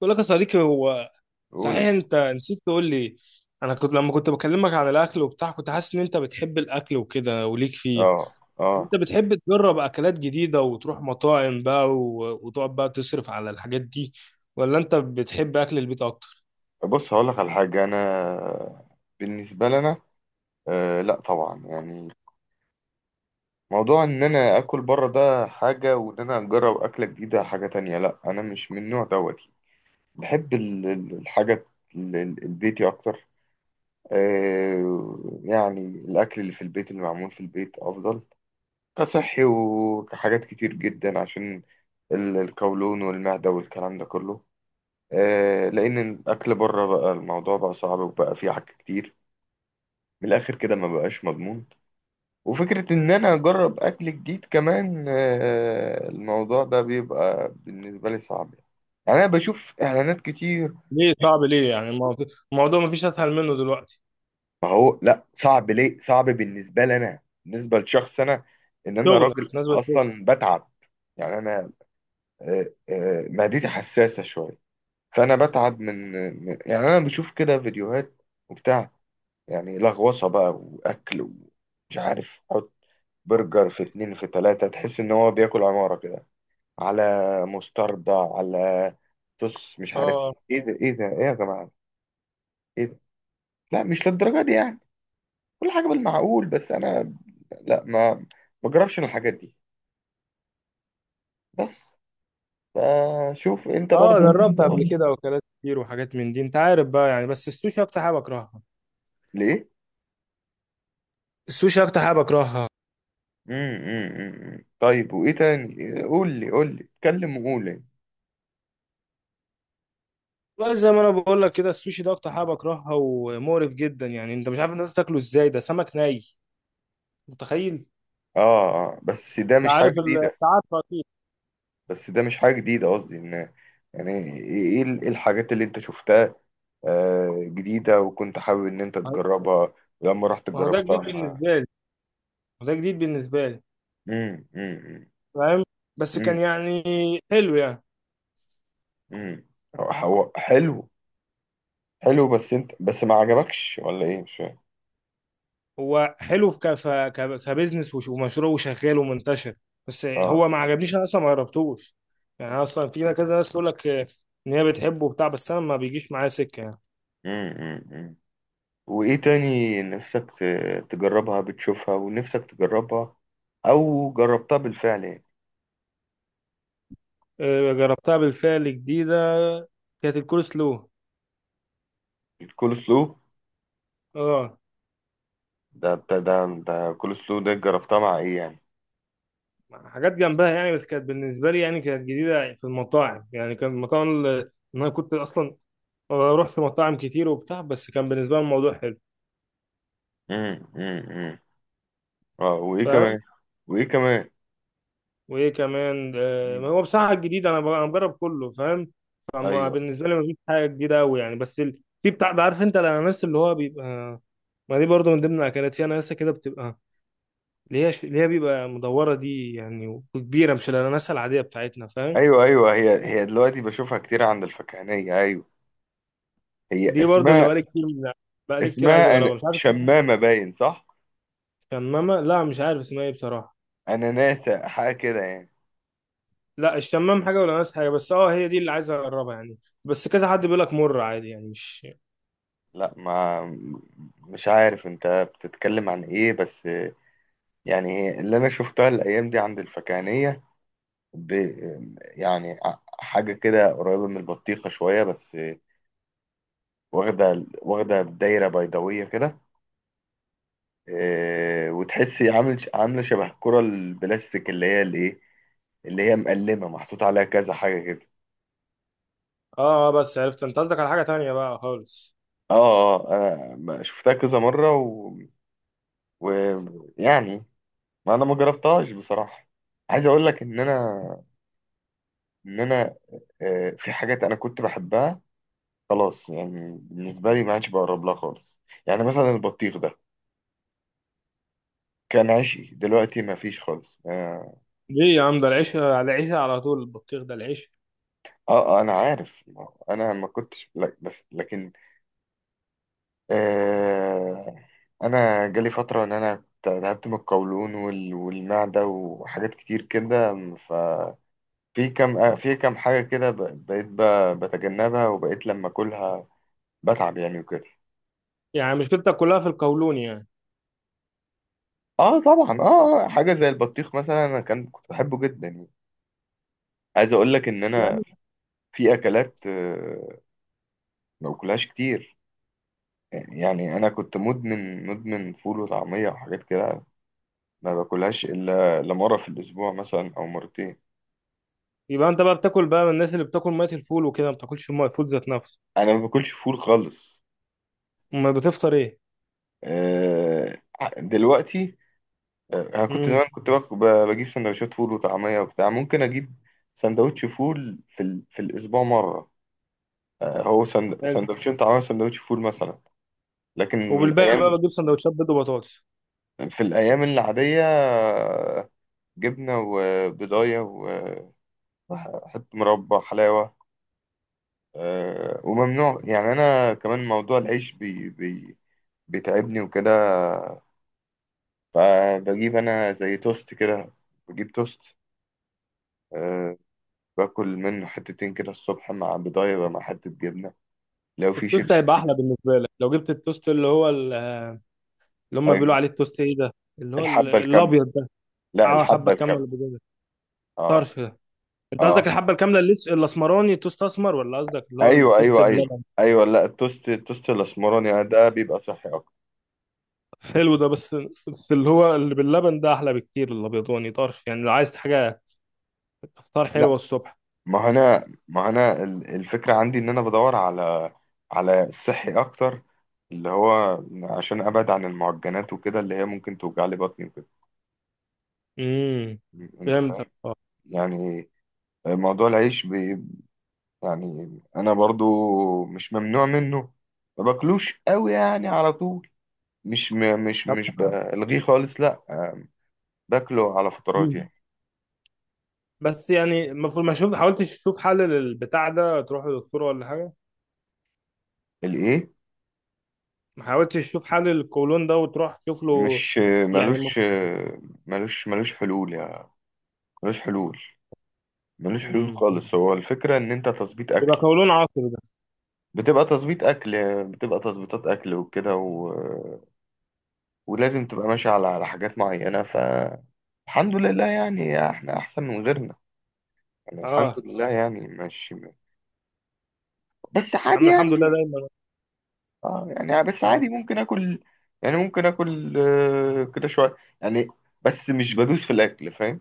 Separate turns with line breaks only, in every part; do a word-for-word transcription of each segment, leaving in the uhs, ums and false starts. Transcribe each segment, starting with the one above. بقول لك يا صديقي، هو
قول
صحيح
يا باشا.
انت نسيت تقول لي؟ انا كنت لما كنت بكلمك عن الاكل وبتاع، كنت حاسس ان انت بتحب الاكل وكده وليك فيه،
اه، اه.
وانت بتحب تجرب اكلات جديدة وتروح مطاعم بقى و- وتقعد بقى تصرف على الحاجات دي، ولا انت بتحب اكل البيت اكتر؟
بص هقول لك على حاجه. انا بالنسبه لنا، آه لا طبعا، يعني موضوع ان انا اكل بره ده حاجه، وان انا اجرب اكله جديده حاجه تانية. لا، انا مش من النوع دوت. بحب ال- ال- الحاجه، ال- ال- البيتي اكتر. آه يعني الاكل اللي في البيت اللي معمول في البيت افضل، كصحي وكحاجات كتير جدا، عشان ال- القولون والمعده والكلام ده كله. آه، لان الاكل بره بقى الموضوع بقى صعب، وبقى فيه حاجات كتير. من الاخر كده ما بقاش مضمون. وفكره ان انا اجرب اكل جديد كمان، آه، الموضوع ده بيبقى بالنسبه لي صعب. يعني انا بشوف اعلانات كتير.
ليه صعب؟ ليه يعني الموضوع الموضوع مفيش اسهل منه دلوقتي.
ما هو لا، صعب ليه؟ صعب بالنسبه لي انا، بالنسبه لشخص انا ان انا
شغلك
راجل
نازل شغل.
اصلا بتعب. يعني انا آه، آه، معدتي حساسه شويه. فانا بتعب من من- يعني انا بشوف كده فيديوهات وبتاع، يعني لغوصة بقى وأكل، ومش عارف، حط برجر في اتنين في تلاتة، تحس إن هو بياكل عمارة كده، على مستردة، على صوص، مش عارف
اه
إيه؟ إيه ده؟ إيه ده؟ إيه يا جماعة؟ إيه ده؟ لا، مش للدرجة دي يعني. كل حاجة بالمعقول، بس أنا لا، ما بجربش الحاجات دي، بس. فشوف أنت
اه،
برضو.
جربت قبل
تقول
كده اكلات كتير وحاجات من دي انت عارف بقى يعني، بس السوشي اكتر حاجة بكرهها.
ليه؟
السوشي اكتر حاجه بكرهها.
مم، مم، مم. طيب، وإيه تاني؟ قول لي، قول لي، اتكلم وقول لي.
والله زي ما انا بقول لك كده، السوشي ده اكتر حاجه بكرهها، ومقرف جدا يعني. انت مش عارف الناس تاكله ازاي؟ ده سمك ني، متخيل انت؟
آه، آه، بس ده مش
عارف
حاجة
ال-
جديدة.
انت عارفه اكيد.
بس ده مش حاجة جديدة، قصدي إن يعني إيه، إيه ال- إيه الحاجات اللي أنت شفتها، آه، جديدة وكنت حابب إن أنت تجربها، ولما رحت
ما هو ده
جربتها
جديد
مع...
بالنسبه لي، ما هو ده جديد بالنسبه لي،
مم، مم،
فاهم؟ بس
مم،
كان يعني حلو يعني.
مم. هو هو حلو، حلو بس أنت بس ما عجبكش ولا إيه، مش فاهم.
هو حلو ك... ف- ك... كبزنس وش- ومشروع وشغال ومنتشر، بس
آه.
هو ما عجبنيش، انا اصلا ما جربتوش يعني. أنا اصلا في كذا ناس تقول لك آه، ان هي بتحبه وبتاع، بس انا ما بيجيش معايا سكه يعني.
مم، مم، مم. وإيه تاني نفسك ت- تجربها؟ بتشوفها ونفسك تجربها، أو جربتها بالفعل يعني؟
آه، جربتها بالفعل جديده، كانت الكول سلو.
الكول سلو؟
اه،
ده ده ده, ده كول سلو، ده جربتها مع إيه يعني؟
حاجات جنبها يعني، بس كانت بالنسبه لي يعني كانت جديده في المطاعم. يعني كان المطاعم اللي، إن انا كنت اصلا بروح في مطاعم كتير وبتاع، بس كان بالنسبه لي الموضوع حلو،
امم، امم. اه، وايه
فاهم؟
كمان؟ وايه كمان؟
وايه كمان؟ آه، ما
مم.
هو بصراحه الجديد انا ب- أنا بجرب كله، فاهم؟ فما
ايوه،
بالنسبه لي مفيش حاجه جديده قوي يعني. بس ال- في بتاع ده، عارف انت الاناناس اللي هو بيبقى، ما دي برضو من ضمن الاكلات، في اناناسه كده بتبقى، اللي هي ش- اللي هي بيبقى مدوره دي يعني، وكبيره، مش الاناناسه العاديه بتاعتنا، فاهم؟
ايوه، ايوه، هي هي دلوقتي بشوفها كتير عند الفكهانيه، ايوه. هي
دي برضو اللي
اسمها
بقالي كتير، بقالي كتير عايز
اسمها أنا
اجربها، مش عارف.
شمامه باين، صح؟
شمامة؟ لا مش عارف اسمها ايه بصراحة.
انا ناسا حاجه كده يعني.
لا، الشمام حاجة والأناناس حاجة، بس اه هي دي اللي عايز أجربها يعني. بس كذا حد بيقول لك مر عادي يعني مش.
لا ما، مش عارف انت بتتكلم عن ايه بس. يعني هي اللي انا شفتها الايام دي عند الفكهانيه، ب... يعني ع- حاجه كده قريبه من البطيخه شويه، بس واخده، واخده دايره بيضاويه كده. آه، وتحسي عامل عامله شبه الكره البلاستيك، اللي هي الايه، اللي هي مقلمه محطوط عليها كذا حاجه كده.
اه آه، بس عرفت انت، قصدك على حاجة تانية بقى خالص.
اه، اه، انا ما- شفتها كذا مره و... و... يعني ما انا ما جربتهاش بصراحه. عايز اقول لك ان انا ان انا آه، في حاجات انا كنت بحبها خلاص، يعني بالنسبه لي ما عادش بقرب لها خالص، يعني مثلا البطيخ ده كان عشقي، دلوقتي ما فيش خالص، اه.
ليه يا عم؟ ده العيش على العيش على طول، البطيخ ده العيش.
آه، آه، انا عارف، ما- انا ما كنتش، لا بس لكن، آه، انا جالي فتره ان انا تعبت من القولون وال- والمعده وحاجات كتير كده. ففي كم في كم حاجه كده ب- بقيت ب- بتجنبها، وبقيت لما اكلها بتعب يعني وكده.
يعني مشكلتك كلها في القولون يعني؟
اه طبعا، اه آه، حاجه زي البطيخ مثلا، انا كان كنت بحبه جدا يعني. عايز اقول لك ان
بس
انا
يعني.
في اكلات آه، ما باكلهاش كتير. يعني انا كنت مدمن مدمن فول وطعميه وحاجات كده، ما باكلهاش الا إلا مره في الاسبوع مثلا او مرتين.
يبقى انت بقى بتاكل بقى من الناس اللي بتاكل مية الفول وكده، ما بتاكلش مية الفول ذات نفسه؟
انا ما باكلش فول خالص،
امال بتفطر ايه؟
آه، دلوقتي. آه، انا كنت
امم.
زمان كنت باك- ب- بجيب سندوتشات فول وطعميه وبتاع، ممكن اجيب سندوتش فول في ال... في الاسبوع مره. آه، هو سند...
حلو.
سندوتشين طعميه وسندوتش فول مثلا. لكن في
وبالباقي بقى
الايام
بتجيب سندوتشات بيض وبطاطس.
في الايام العاديه، آه، جبنه وبضايه وحته مربى، حلاوه، آه، وممنوع، يعني انا كمان موضوع العيش بي... بي... بيتعبني وكده. فبجيب انا زي توست كده، بجيب توست، أه باكل منه حتتين كده الصبح، مع بيضاية بقى، مع حتة جبنة، لو في
التوست
شيبسي.
هيبقى احلى بالنسبة لك لو جبت التوست اللي هو، اللي هم
ايوه.
بيقولوا عليه التوست ايه ده، اللي هو ال-
الحبة الكاملة،
الابيض ده.
لا
اه حبه
الحبة
كامله
الكاملة.
اللي بيجي
اه،
طرف ده. انت
اه،
قصدك الحبه الكامله اللي لس- الاسمراني، توست اسمر، ولا قصدك اللي هو
ايوه،
التوست
ايوه، ايوه،
بلبن؟
ايوه، لا التوست التوست الاسمراني، آه، ده بيبقى صحي اكتر.
حلو ده، بس بس اللي هو اللي باللبن ده احلى بكتير، الابيضاني طرف، يعني لو عايز حاجه افطار
لا،
حلوه الصبح.
ما هو انا ما هو انا ال- الفكرة عندي ان انا بدور على على الصحي اكتر، اللي هو عشان ابعد عن المعجنات وكده، اللي هي ممكن توجع لي بطني وكده.
امم،
انت
فهمتك
فاهم؟
اه.
يعني موضوع العيش بي، يعني انا برضو مش ممنوع منه، ما باكلوش قوي يعني على طول، مش م... مش
طب
مش بلغيه خالص، لا. باكله على فترات
مم.
يعني.
بس يعني المفروض، ما شوف حاولتش تشوف حل للبتاع ده، تروح لدكتور ولا حاجه؟
الايه؟
ما حاولتش تشوف حل للقولون ده وتروح تشوف له
مش
يعني؟
ملوش ملوش ملوش حلول يعني، ملوش حلول، ملوش حلول
مم.
خالص. هو الفكرة ان انت تظبيط
يبقى
اكل،
قولون عصبي ده.
بتبقى تظبيط اكل بتبقى تظبيطات اكل وكده، و... ولازم تبقى ماشي على على حاجات معينة، فالحمد لله يعني، احنا احسن من غيرنا. يعني الحمد
اه
لله يعني ماشي، بس عادي
عم، الحمد لله
يعني.
دايما.
اه، يعني بس
آه.
عادي ممكن اكل، يعني ممكن اكل آه، كده شويه يعني، بس مش بدوس في الاكل، فاهم؟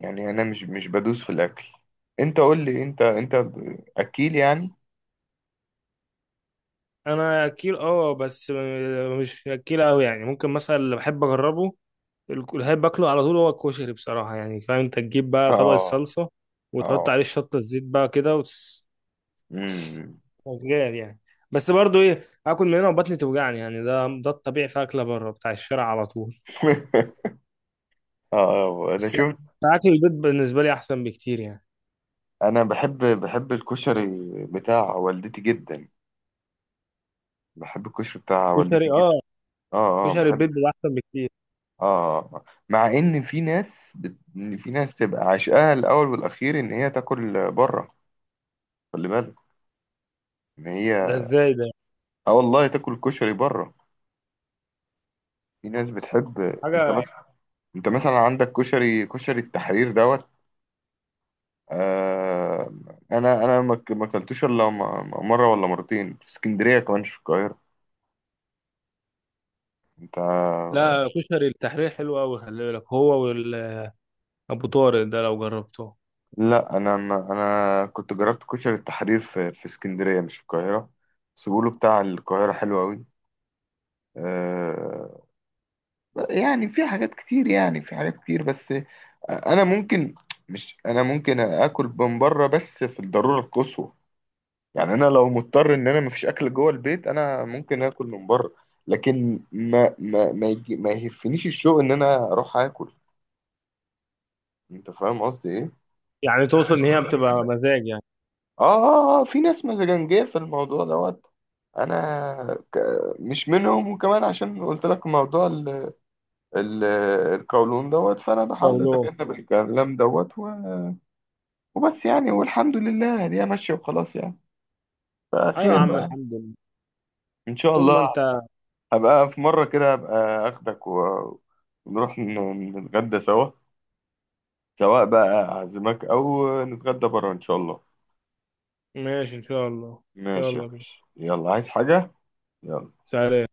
يعني انا مش مش بدوس في الاكل. انت قول لي انت، انت ب- اكيل يعني؟
انا اكيل اه، بس آه، مش اكيل قوي يعني. ممكن مثلا اللي بحب اجربه، الك- اللي بحب اكله على طول هو الكشري بصراحه يعني، فاهم؟ انت تجيب بقى طبق
اه،
الصلصه وتحط
اه،
عليه شطه الزيت بقى كده وتس-
امم.
شغال يعني. بس برضو ايه، اكل من هنا وبطني توجعني يعني. ده ده الطبيعي في اكله بره بتاع الشارع على طول.
اه، انا
بس
شفت.
اكل البيت بالنسبه لي احسن بكتير يعني.
انا بحب بحب الكشري بتاع والدتي جدا، بحب الكشري بتاع
كشري
والدتي جدا.
اه،
اه، اه،
كشري
بحب.
البيت ده احسن بكتير.
اه، مع ان في ناس بت... إن في ناس تبقى عشقها الاول والاخير ان هي تاكل بره، خلي بالك ان
ده
هي،
ازاي ده؟
اه والله تاكل كشري بره. في ناس بتحب، انت
حاجه.
مثلا انت مثلا عندك كشري، كشري التحرير دوت. آه... انا انا ما ك- ما اكلتوش الا م- م- مره ولا مرتين في اسكندريه، كمان مش في القاهره، انت. آه،
لا، كشري التحرير حلو قوي، خلي بالك، هو وابو طارق ده لو جربته.
لا، انا ما... انا كنت جربت كشري التحرير في في اسكندريه، مش في القاهره، بس بيقولوا بتاع القاهره حلو قوي. يعني في حاجات كتير، يعني في حاجات كتير بس. انا ممكن مش انا ممكن اكل من بره بس في الضروره القصوى. يعني انا لو مضطر ان انا مفيش اكل جوه البيت، انا ممكن اكل من بره. لكن ما ما ما, يجي ما يهفنيش الشوق ان انا اروح اكل. انت فاهم قصدي ايه؟
يعني توصل ان هي بتبقى مزاج يعني.
اه، اه، اه، في ناس مزاجنجيه في الموضوع دوت. انا ك... مش منهم، وكمان عشان قلت لك موضوع ال... ال... القولون دوت، فانا بحاول
شاولو.
اتجنب الكلام دوت وبس، يعني والحمد لله يعني هي ماشية وخلاص، يعني
ايوه يا
فخير
عم،
بقى.
الحمد لله.
إن شاء
ثم
الله
انت.
هبقى في مرة كده، هبقى آخدك و- ونروح ن- نتغدى سوا، سواء بقى أعزمك أو نتغدى بره، إن شاء الله.
ماشي ان شاء الله.
ماشي يا
يلا بينا.
باشا، يلا، عايز حاجة؟ يلا.
سلام.